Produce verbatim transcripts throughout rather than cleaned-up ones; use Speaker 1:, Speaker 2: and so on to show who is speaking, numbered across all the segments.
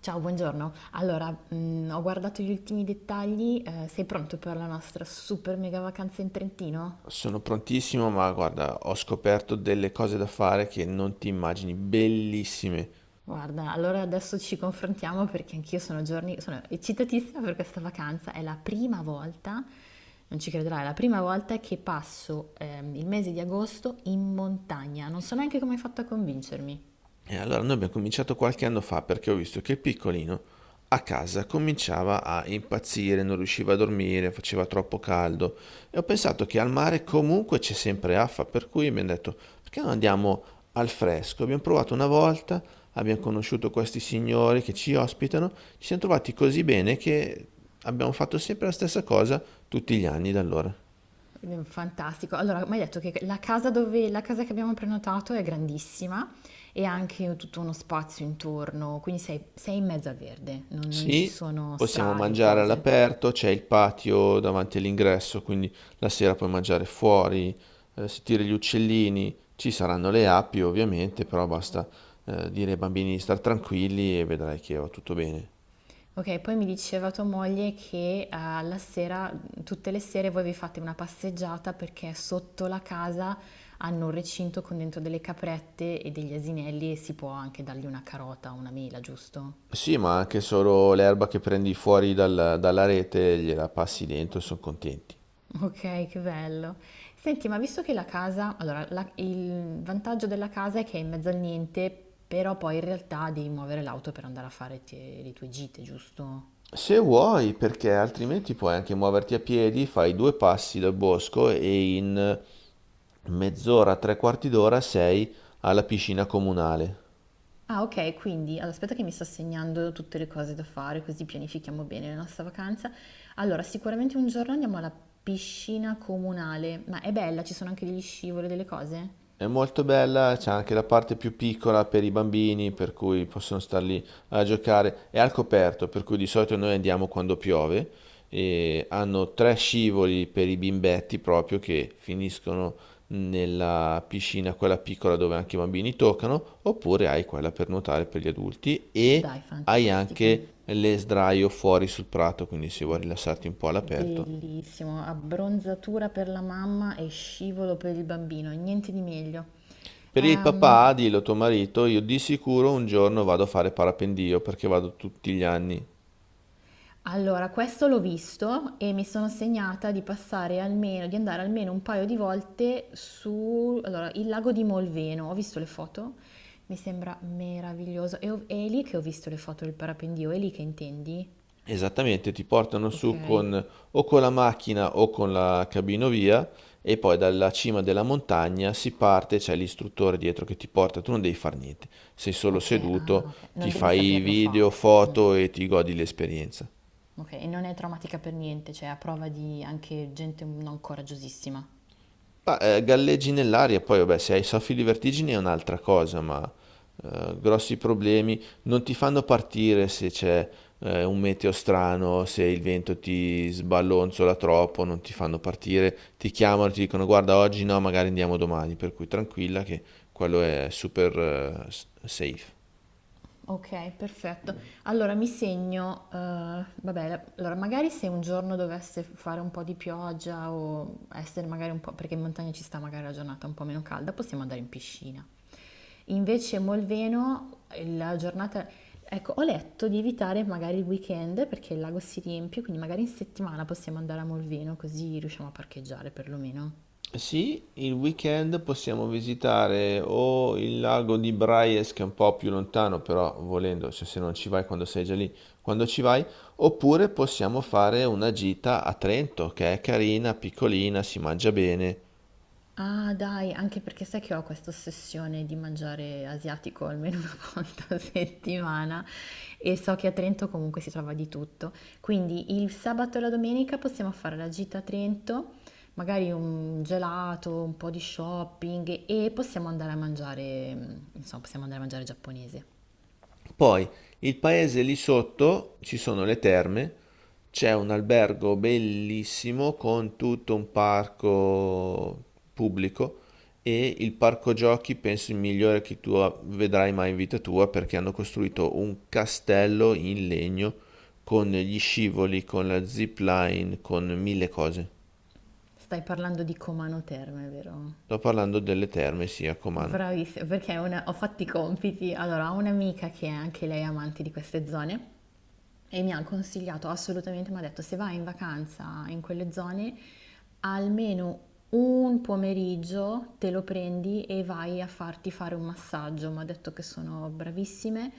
Speaker 1: Ciao, buongiorno. Allora, mhmm, ho guardato gli ultimi dettagli, ehm, sei pronto per la nostra super mega vacanza in Trentino?
Speaker 2: Sono prontissimo, ma guarda, ho scoperto delle cose da fare che non ti immagini, bellissime.
Speaker 1: Guarda, allora adesso ci confrontiamo perché anch'io sono giorni sono eccitatissima per questa vacanza. È la prima volta, non ci crederai, è la prima volta che passo, ehm, il mese di agosto in montagna. Non so neanche come hai fatto a convincermi.
Speaker 2: E allora noi abbiamo cominciato qualche anno fa perché ho visto che il piccolino a casa cominciava a impazzire, non riusciva a dormire, faceva troppo caldo e ho pensato che al mare comunque c'è sempre affa, per cui mi hanno detto perché non andiamo al fresco? Abbiamo provato una volta, abbiamo conosciuto questi signori che ci ospitano, ci siamo trovati così bene che abbiamo fatto sempre la stessa cosa tutti gli anni da allora.
Speaker 1: Quindi, fantastico. Allora, mi hai detto che la casa, dove, la casa che abbiamo prenotato è grandissima e ha anche tutto uno spazio intorno, quindi sei, sei in mezzo al verde, non, non ci
Speaker 2: Sì,
Speaker 1: sono
Speaker 2: possiamo
Speaker 1: strade o
Speaker 2: mangiare
Speaker 1: cose.
Speaker 2: all'aperto, c'è il patio davanti all'ingresso, quindi la sera puoi mangiare fuori, eh, sentire gli uccellini, ci saranno le api ovviamente, però basta eh, dire ai bambini di star tranquilli e vedrai che va tutto bene.
Speaker 1: Ok, poi mi diceva tua moglie che eh, alla sera, tutte le sere voi vi fate una passeggiata perché sotto la casa hanno un recinto con dentro delle caprette e degli asinelli e si può anche dargli una carota o una mela, giusto?
Speaker 2: Sì, ma anche solo l'erba che prendi fuori dal- dalla rete gliela passi dentro e sono contenti.
Speaker 1: Okay, che bello. Senti, ma visto che la casa allora la il vantaggio della casa è che è in mezzo al niente, però poi in realtà devi muovere l'auto per andare a fare te le tue gite, giusto?
Speaker 2: Se vuoi, perché altrimenti puoi anche muoverti a piedi, fai due passi dal bosco e in mezz'ora, tre quarti d'ora sei alla piscina comunale.
Speaker 1: Ah, okay, quindi allora aspetta che mi sto segnando tutte le cose da fare, così pianifichiamo bene la nostra vacanza. Allora, sicuramente un giorno andiamo alla piscina comunale, ma è bella? Ci sono anche degli scivoli, delle cose?
Speaker 2: È molto bella, c'è anche la parte più piccola per i bambini, per cui possono star lì a giocare. È al coperto, per cui di solito noi andiamo quando piove. E hanno tre scivoli per i bimbetti proprio che finiscono nella piscina, quella piccola dove anche i bambini toccano, oppure hai quella per nuotare per gli adulti e
Speaker 1: Dai,
Speaker 2: hai
Speaker 1: fantastico.
Speaker 2: anche le sdraio fuori sul prato, quindi se vuoi rilassarti un po' all'aperto.
Speaker 1: Bellissimo, abbronzatura per la mamma e scivolo per il bambino, niente di meglio.
Speaker 2: Per il
Speaker 1: Ehm,
Speaker 2: papà, dillo a tuo marito, io di sicuro un giorno vado a fare parapendio perché vado tutti gli anni.
Speaker 1: allora, questo l'ho visto e mi sono segnata di passare almeno, di andare almeno un paio di volte su, allora, il lago di Molveno. Ho visto le foto, mi sembra meraviglioso. E ho- è lì che ho visto le foto del parapendio, è lì che intendi?
Speaker 2: Esattamente, ti portano
Speaker 1: Ok,
Speaker 2: su con o con la macchina o con la cabinovia e poi dalla cima della montagna si parte, c'è l'istruttore dietro che ti porta, tu non devi fare niente, sei solo
Speaker 1: ok, ah,
Speaker 2: seduto,
Speaker 1: ok.
Speaker 2: ti
Speaker 1: Non devi
Speaker 2: fai
Speaker 1: saperlo
Speaker 2: video,
Speaker 1: fare. Mm.
Speaker 2: foto e ti godi l'esperienza.
Speaker 1: Ok, e non è traumatica per niente, cioè a prova di anche gente non coraggiosissima.
Speaker 2: Ma, eh, galleggi nell'aria, poi vabbè, se hai soffi di vertigini è un'altra cosa, ma eh, grossi problemi non ti fanno partire se c'è eh, un meteo strano, se il vento ti sballonzola troppo, non ti fanno partire, ti chiamano, ti dicono guarda oggi no, magari andiamo domani, per cui tranquilla che quello è super eh, s- safe.
Speaker 1: Ok, perfetto. Allora mi segno, eh, vabbè, la- allora magari se un giorno dovesse fare un po' di pioggia o essere magari un po', perché in montagna ci sta magari la giornata un po' meno calda, possiamo andare in piscina. Invece Molveno, eh, la giornata, ecco, ho letto di evitare magari il weekend perché il lago si riempie, quindi magari in settimana possiamo andare a Molveno così riusciamo a parcheggiare perlomeno.
Speaker 2: Sì, il weekend possiamo visitare o il lago di Braies, che è un po' più lontano, però volendo, se, se non ci vai quando sei già lì, quando ci vai, oppure possiamo fare una gita a Trento, che è carina, piccolina, si mangia bene.
Speaker 1: Ah dai, anche perché sai che ho questa ossessione di mangiare asiatico almeno una volta a settimana e so che a Trento comunque si trova di tutto. Quindi il sabato e la domenica possiamo fare la gita a Trento, magari un gelato, un po' di shopping e possiamo andare a mangiare, mm, insomma, possiamo andare a mangiare giapponese.
Speaker 2: Poi il paese lì sotto ci sono le terme, c'è un albergo bellissimo con tutto un parco pubblico e il parco giochi penso il migliore che tu vedrai mai in vita tua perché hanno costruito un castello in legno con gli scivoli, con la zip line, con mille cose.
Speaker 1: Stai parlando di Comano Terme, vero?
Speaker 2: Sto parlando delle terme, sì, a Comano.
Speaker 1: Bravissima, perché una- ho fatto i compiti. Allora, ho un'amica che è anche lei amante di queste zone. E mi ha consigliato assolutamente, mi ha detto se vai in vacanza in quelle zone, almeno un pomeriggio te lo prendi e vai a farti fare un massaggio. Mi ha detto che sono bravissime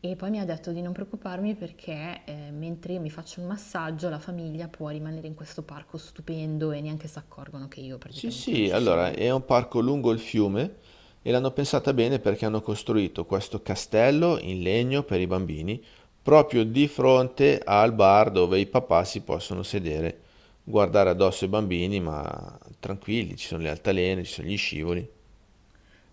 Speaker 1: e poi mi ha detto di non preoccuparmi perché eh, mentre io mi faccio un massaggio la famiglia può rimanere in questo parco stupendo e neanche si accorgono che io
Speaker 2: Sì,
Speaker 1: praticamente non
Speaker 2: sì,
Speaker 1: ci
Speaker 2: allora
Speaker 1: sono.
Speaker 2: è un parco lungo il fiume e l'hanno pensata bene perché hanno costruito questo castello in legno per i bambini proprio di fronte al bar dove i papà si possono sedere, guardare addosso i bambini, ma tranquilli, ci sono le altalene, ci sono gli scivoli.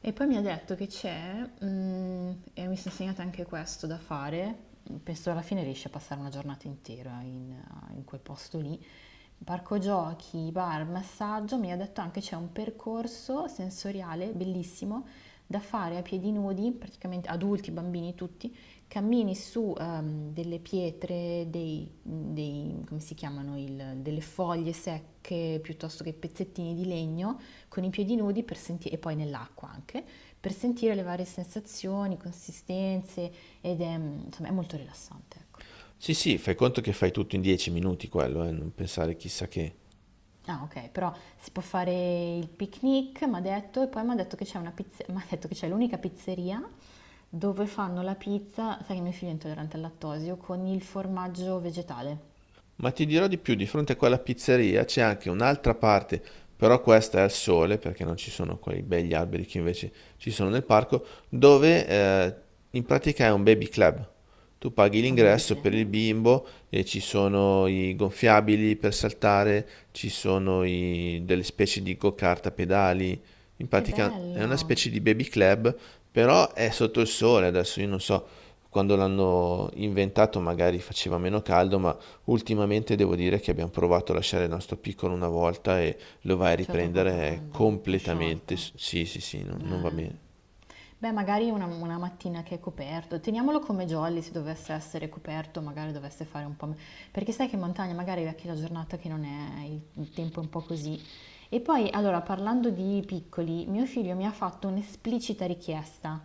Speaker 1: E poi mi ha detto che c'è, mm, e mi sono insegnata anche questo da fare, penso alla fine riesci a passare una giornata intera in, eh, in quel posto lì, parco giochi, bar, massaggio, mi ha detto anche c'è un percorso sensoriale bellissimo da fare a piedi nudi, praticamente adulti, bambini, tutti. Cammini su ehm, delle pietre, dei, dei- come si chiamano, il- delle foglie secche piuttosto che pezzettini di legno con i piedi nudi per senti- e poi nell'acqua anche, per sentire le varie sensazioni, consistenze, ed è, mm, insomma, è molto rilassante, ecco.
Speaker 2: Sì, sì, fai conto che fai tutto in dieci minuti quello, eh, non pensare chissà che.
Speaker 1: Ah, ok, però si può fare il picnic, mi ha detto, e poi mi ha detto che c'è una pizze- m'ha detto che c'è l'unica pizzeria dove fanno la pizza, sai che mio figlio è intollerante al lattosio, con il formaggio vegetale.
Speaker 2: Ma ti dirò di più, di fronte a quella pizzeria c'è anche un'altra parte, però questa è al sole, perché non ci sono quei begli alberi che invece ci sono nel parco, dove eh, in pratica è un baby club. Tu paghi
Speaker 1: Un baby
Speaker 2: l'ingresso per
Speaker 1: clam?
Speaker 2: il bimbo e ci sono i gonfiabili per saltare, ci sono i- delle specie di go-kart a pedali. In
Speaker 1: Che
Speaker 2: pratica è una
Speaker 1: bello!
Speaker 2: specie di baby club, però è sotto il sole. Adesso io non so, quando l'hanno inventato magari faceva meno caldo, ma ultimamente devo dire che abbiamo provato a lasciare il nostro piccolo una volta e lo vai a
Speaker 1: C'era troppo
Speaker 2: riprendere eh,
Speaker 1: caldo, è
Speaker 2: completamente.
Speaker 1: sciolto.
Speaker 2: s- Sì, sì, sì, non, non va bene.
Speaker 1: Eh, Beh, magari una, una mattina che è coperto, teniamolo come jolly se dovesse essere coperto, magari dovesse fare un po'. me- Perché sai che in montagna magari è anche la giornata che non è, il, il tempo è un po' così. E poi, allora, parlando di piccoli, mio figlio mi ha fatto un'esplicita richiesta.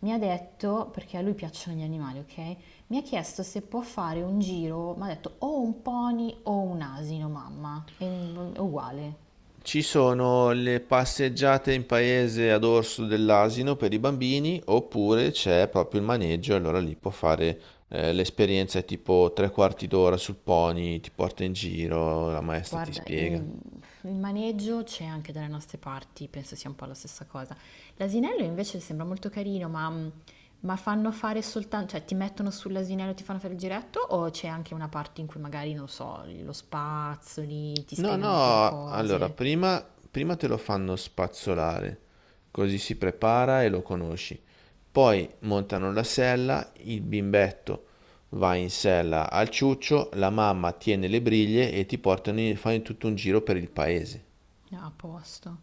Speaker 1: Mi ha detto, perché a lui piacciono gli animali, ok? Mi ha chiesto se può fare un giro, mi ha detto o un pony o un asino, mamma. E è uguale.
Speaker 2: Ci sono le passeggiate in paese ad orso dell'asino per i bambini, oppure c'è proprio il maneggio, allora lì può fare eh, l'esperienza è tipo tre quarti d'ora sul pony, ti porta in giro, la maestra ti
Speaker 1: Guarda,
Speaker 2: spiega.
Speaker 1: il, il maneggio c'è anche dalle nostre parti, penso sia un po' la stessa cosa. L'asinello invece sembra molto carino, ma, mm, ma fanno fare soltanto, cioè ti mettono sull'asinello e ti fanno fare il giretto o c'è anche una parte in cui magari, non lo so, lo spazzoli, ti
Speaker 2: No,
Speaker 1: spiegano un po' di
Speaker 2: no, allora
Speaker 1: cose?
Speaker 2: prima, prima te lo fanno spazzolare, così si prepara e lo conosci. Poi montano la sella, il bimbetto va in sella al ciuccio, la mamma tiene le briglie e ti portano, in- fanno tutto un giro per il paese.
Speaker 1: Ah, a posto.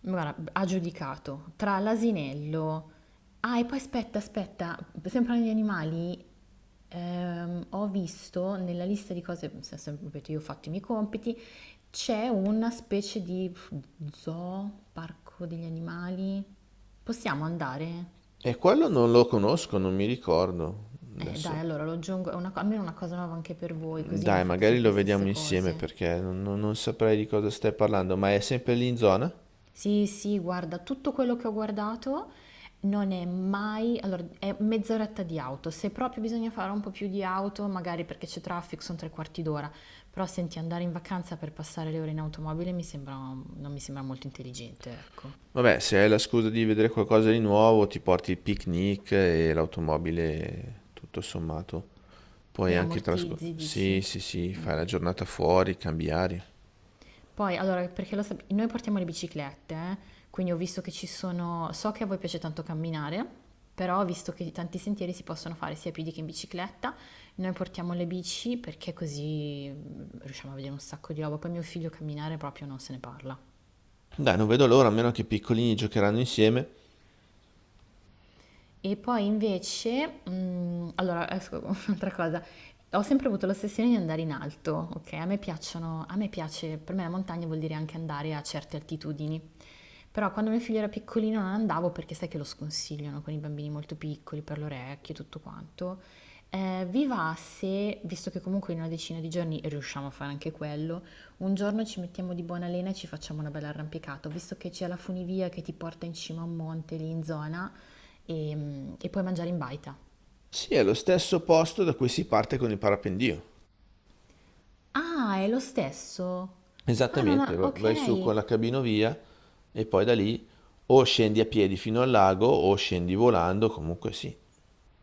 Speaker 1: Guarda, ha giudicato tra l'asinello. Ah, e poi aspetta, aspetta, sempre negli animali, ehm, ho visto nella lista di cose, se- sempre, ripeto, io ho fatto i miei compiti, c'è una specie di pff, zoo, parco degli animali. Possiamo andare?
Speaker 2: E quello non lo conosco, non mi ricordo.
Speaker 1: Eh, dai,
Speaker 2: Adesso,
Speaker 1: allora lo aggiungo, è una co- almeno una cosa nuova anche per voi, così non
Speaker 2: dai,
Speaker 1: fate
Speaker 2: magari
Speaker 1: sempre
Speaker 2: lo
Speaker 1: le stesse
Speaker 2: vediamo insieme
Speaker 1: cose.
Speaker 2: perché non, non non saprei di cosa stai parlando, ma è sempre lì in zona?
Speaker 1: Sì, sì, guarda, tutto quello che ho guardato non è mai, allora è mezz'oretta di auto, se proprio bisogna fare un po' più di auto, magari perché c'è traffico, sono tre quarti d'ora, però senti, andare in vacanza per passare le ore in automobile mi sembra, non mi sembra molto intelligente, ecco.
Speaker 2: Vabbè, se hai la scusa di vedere qualcosa di nuovo, ti porti il picnic e l'automobile, tutto sommato. Puoi
Speaker 1: E
Speaker 2: anche trascorrere...
Speaker 1: ammortizzi,
Speaker 2: Sì,
Speaker 1: dici?
Speaker 2: sì, sì, fai la giornata fuori, cambi aria.
Speaker 1: Poi, allora, perché lo sap- noi portiamo le biciclette, eh, quindi ho visto che ci sono, so che a voi piace tanto camminare, però ho visto che tanti sentieri si possono fare sia a piedi che in bicicletta, noi portiamo le bici perché così mm, riusciamo a vedere un sacco di roba, poi mio figlio camminare proprio non se ne parla.
Speaker 2: Dai, non vedo l'ora, a meno che i piccolini giocheranno insieme.
Speaker 1: E poi invece, mhmm, allora esco con un'altra cosa, ho sempre avuto l'ossessione di andare in alto, okay, a me piacciono a me piace, per me la montagna vuol dire anche andare a certe altitudini. Però quando mio figlio era piccolino non andavo perché sai che lo sconsigliano con i bambini molto piccoli, per le orecchie e tutto quanto. Ehm, vi va se, visto che comunque in una decina di giorni riusciamo a fare anche quello, un giorno ci mettiamo di buona lena e ci facciamo una bella arrampicata. Ho visto che c'è la funivia che ti porta in cima a un monte lì in zona e, e puoi mangiare in baita.
Speaker 2: Sì, è lo stesso posto da cui si parte con il parapendio.
Speaker 1: Ah, è lo stesso? Ah, non
Speaker 2: Esattamente,
Speaker 1: ho-
Speaker 2: va- vai su con
Speaker 1: ok.
Speaker 2: la cabinovia e poi da lì o scendi a piedi fino al lago o scendi volando, comunque sì.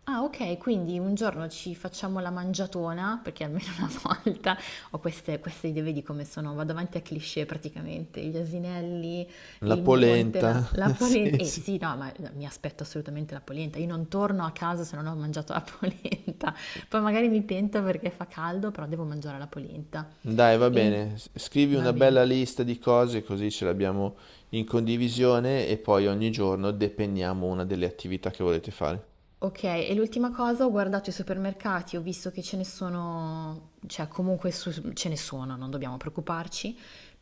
Speaker 1: Ah, ok, quindi un giorno ci facciamo la mangiatona, perché almeno una volta ho queste, queste idee, vedi come sono, vado avanti a cliché praticamente, gli asinelli,
Speaker 2: La
Speaker 1: il monte, la,
Speaker 2: polenta,
Speaker 1: la polenta.
Speaker 2: sì,
Speaker 1: Eh
Speaker 2: sì.
Speaker 1: sì, no, ma mi aspetto assolutamente la polenta, io non torno a casa se non ho mangiato la polenta, poi magari mi pento perché fa caldo, però devo mangiare la polenta.
Speaker 2: Dai, va
Speaker 1: E
Speaker 2: bene, S- scrivi
Speaker 1: va
Speaker 2: una
Speaker 1: bene.
Speaker 2: bella lista di cose così ce l'abbiamo in condivisione e poi ogni giorno depenniamo una delle attività che volete fare.
Speaker 1: Ok, e l'ultima cosa, ho guardato i supermercati, ho visto che ce ne sono, cioè comunque su- ce ne sono, non dobbiamo preoccuparci.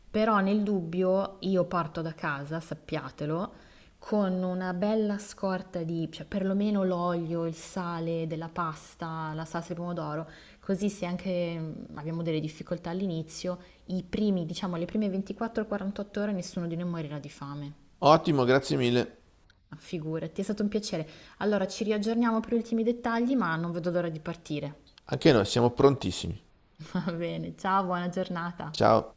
Speaker 1: Però nel dubbio io parto da casa, sappiatelo, con una bella scorta di, cioè perlomeno l'olio, il sale della pasta, la salsa di pomodoro, così se anche mm, abbiamo delle difficoltà all'inizio, i primi, diciamo, le prime ventiquattro quarantotto ore nessuno di noi morirà di fame.
Speaker 2: Ottimo, grazie mille.
Speaker 1: Ma figurati, è stato un piacere. Allora ci riaggiorniamo per gli ultimi dettagli, ma non vedo l'ora di partire.
Speaker 2: Anche noi siamo prontissimi.
Speaker 1: Va bene, ciao, buona giornata.
Speaker 2: Ciao.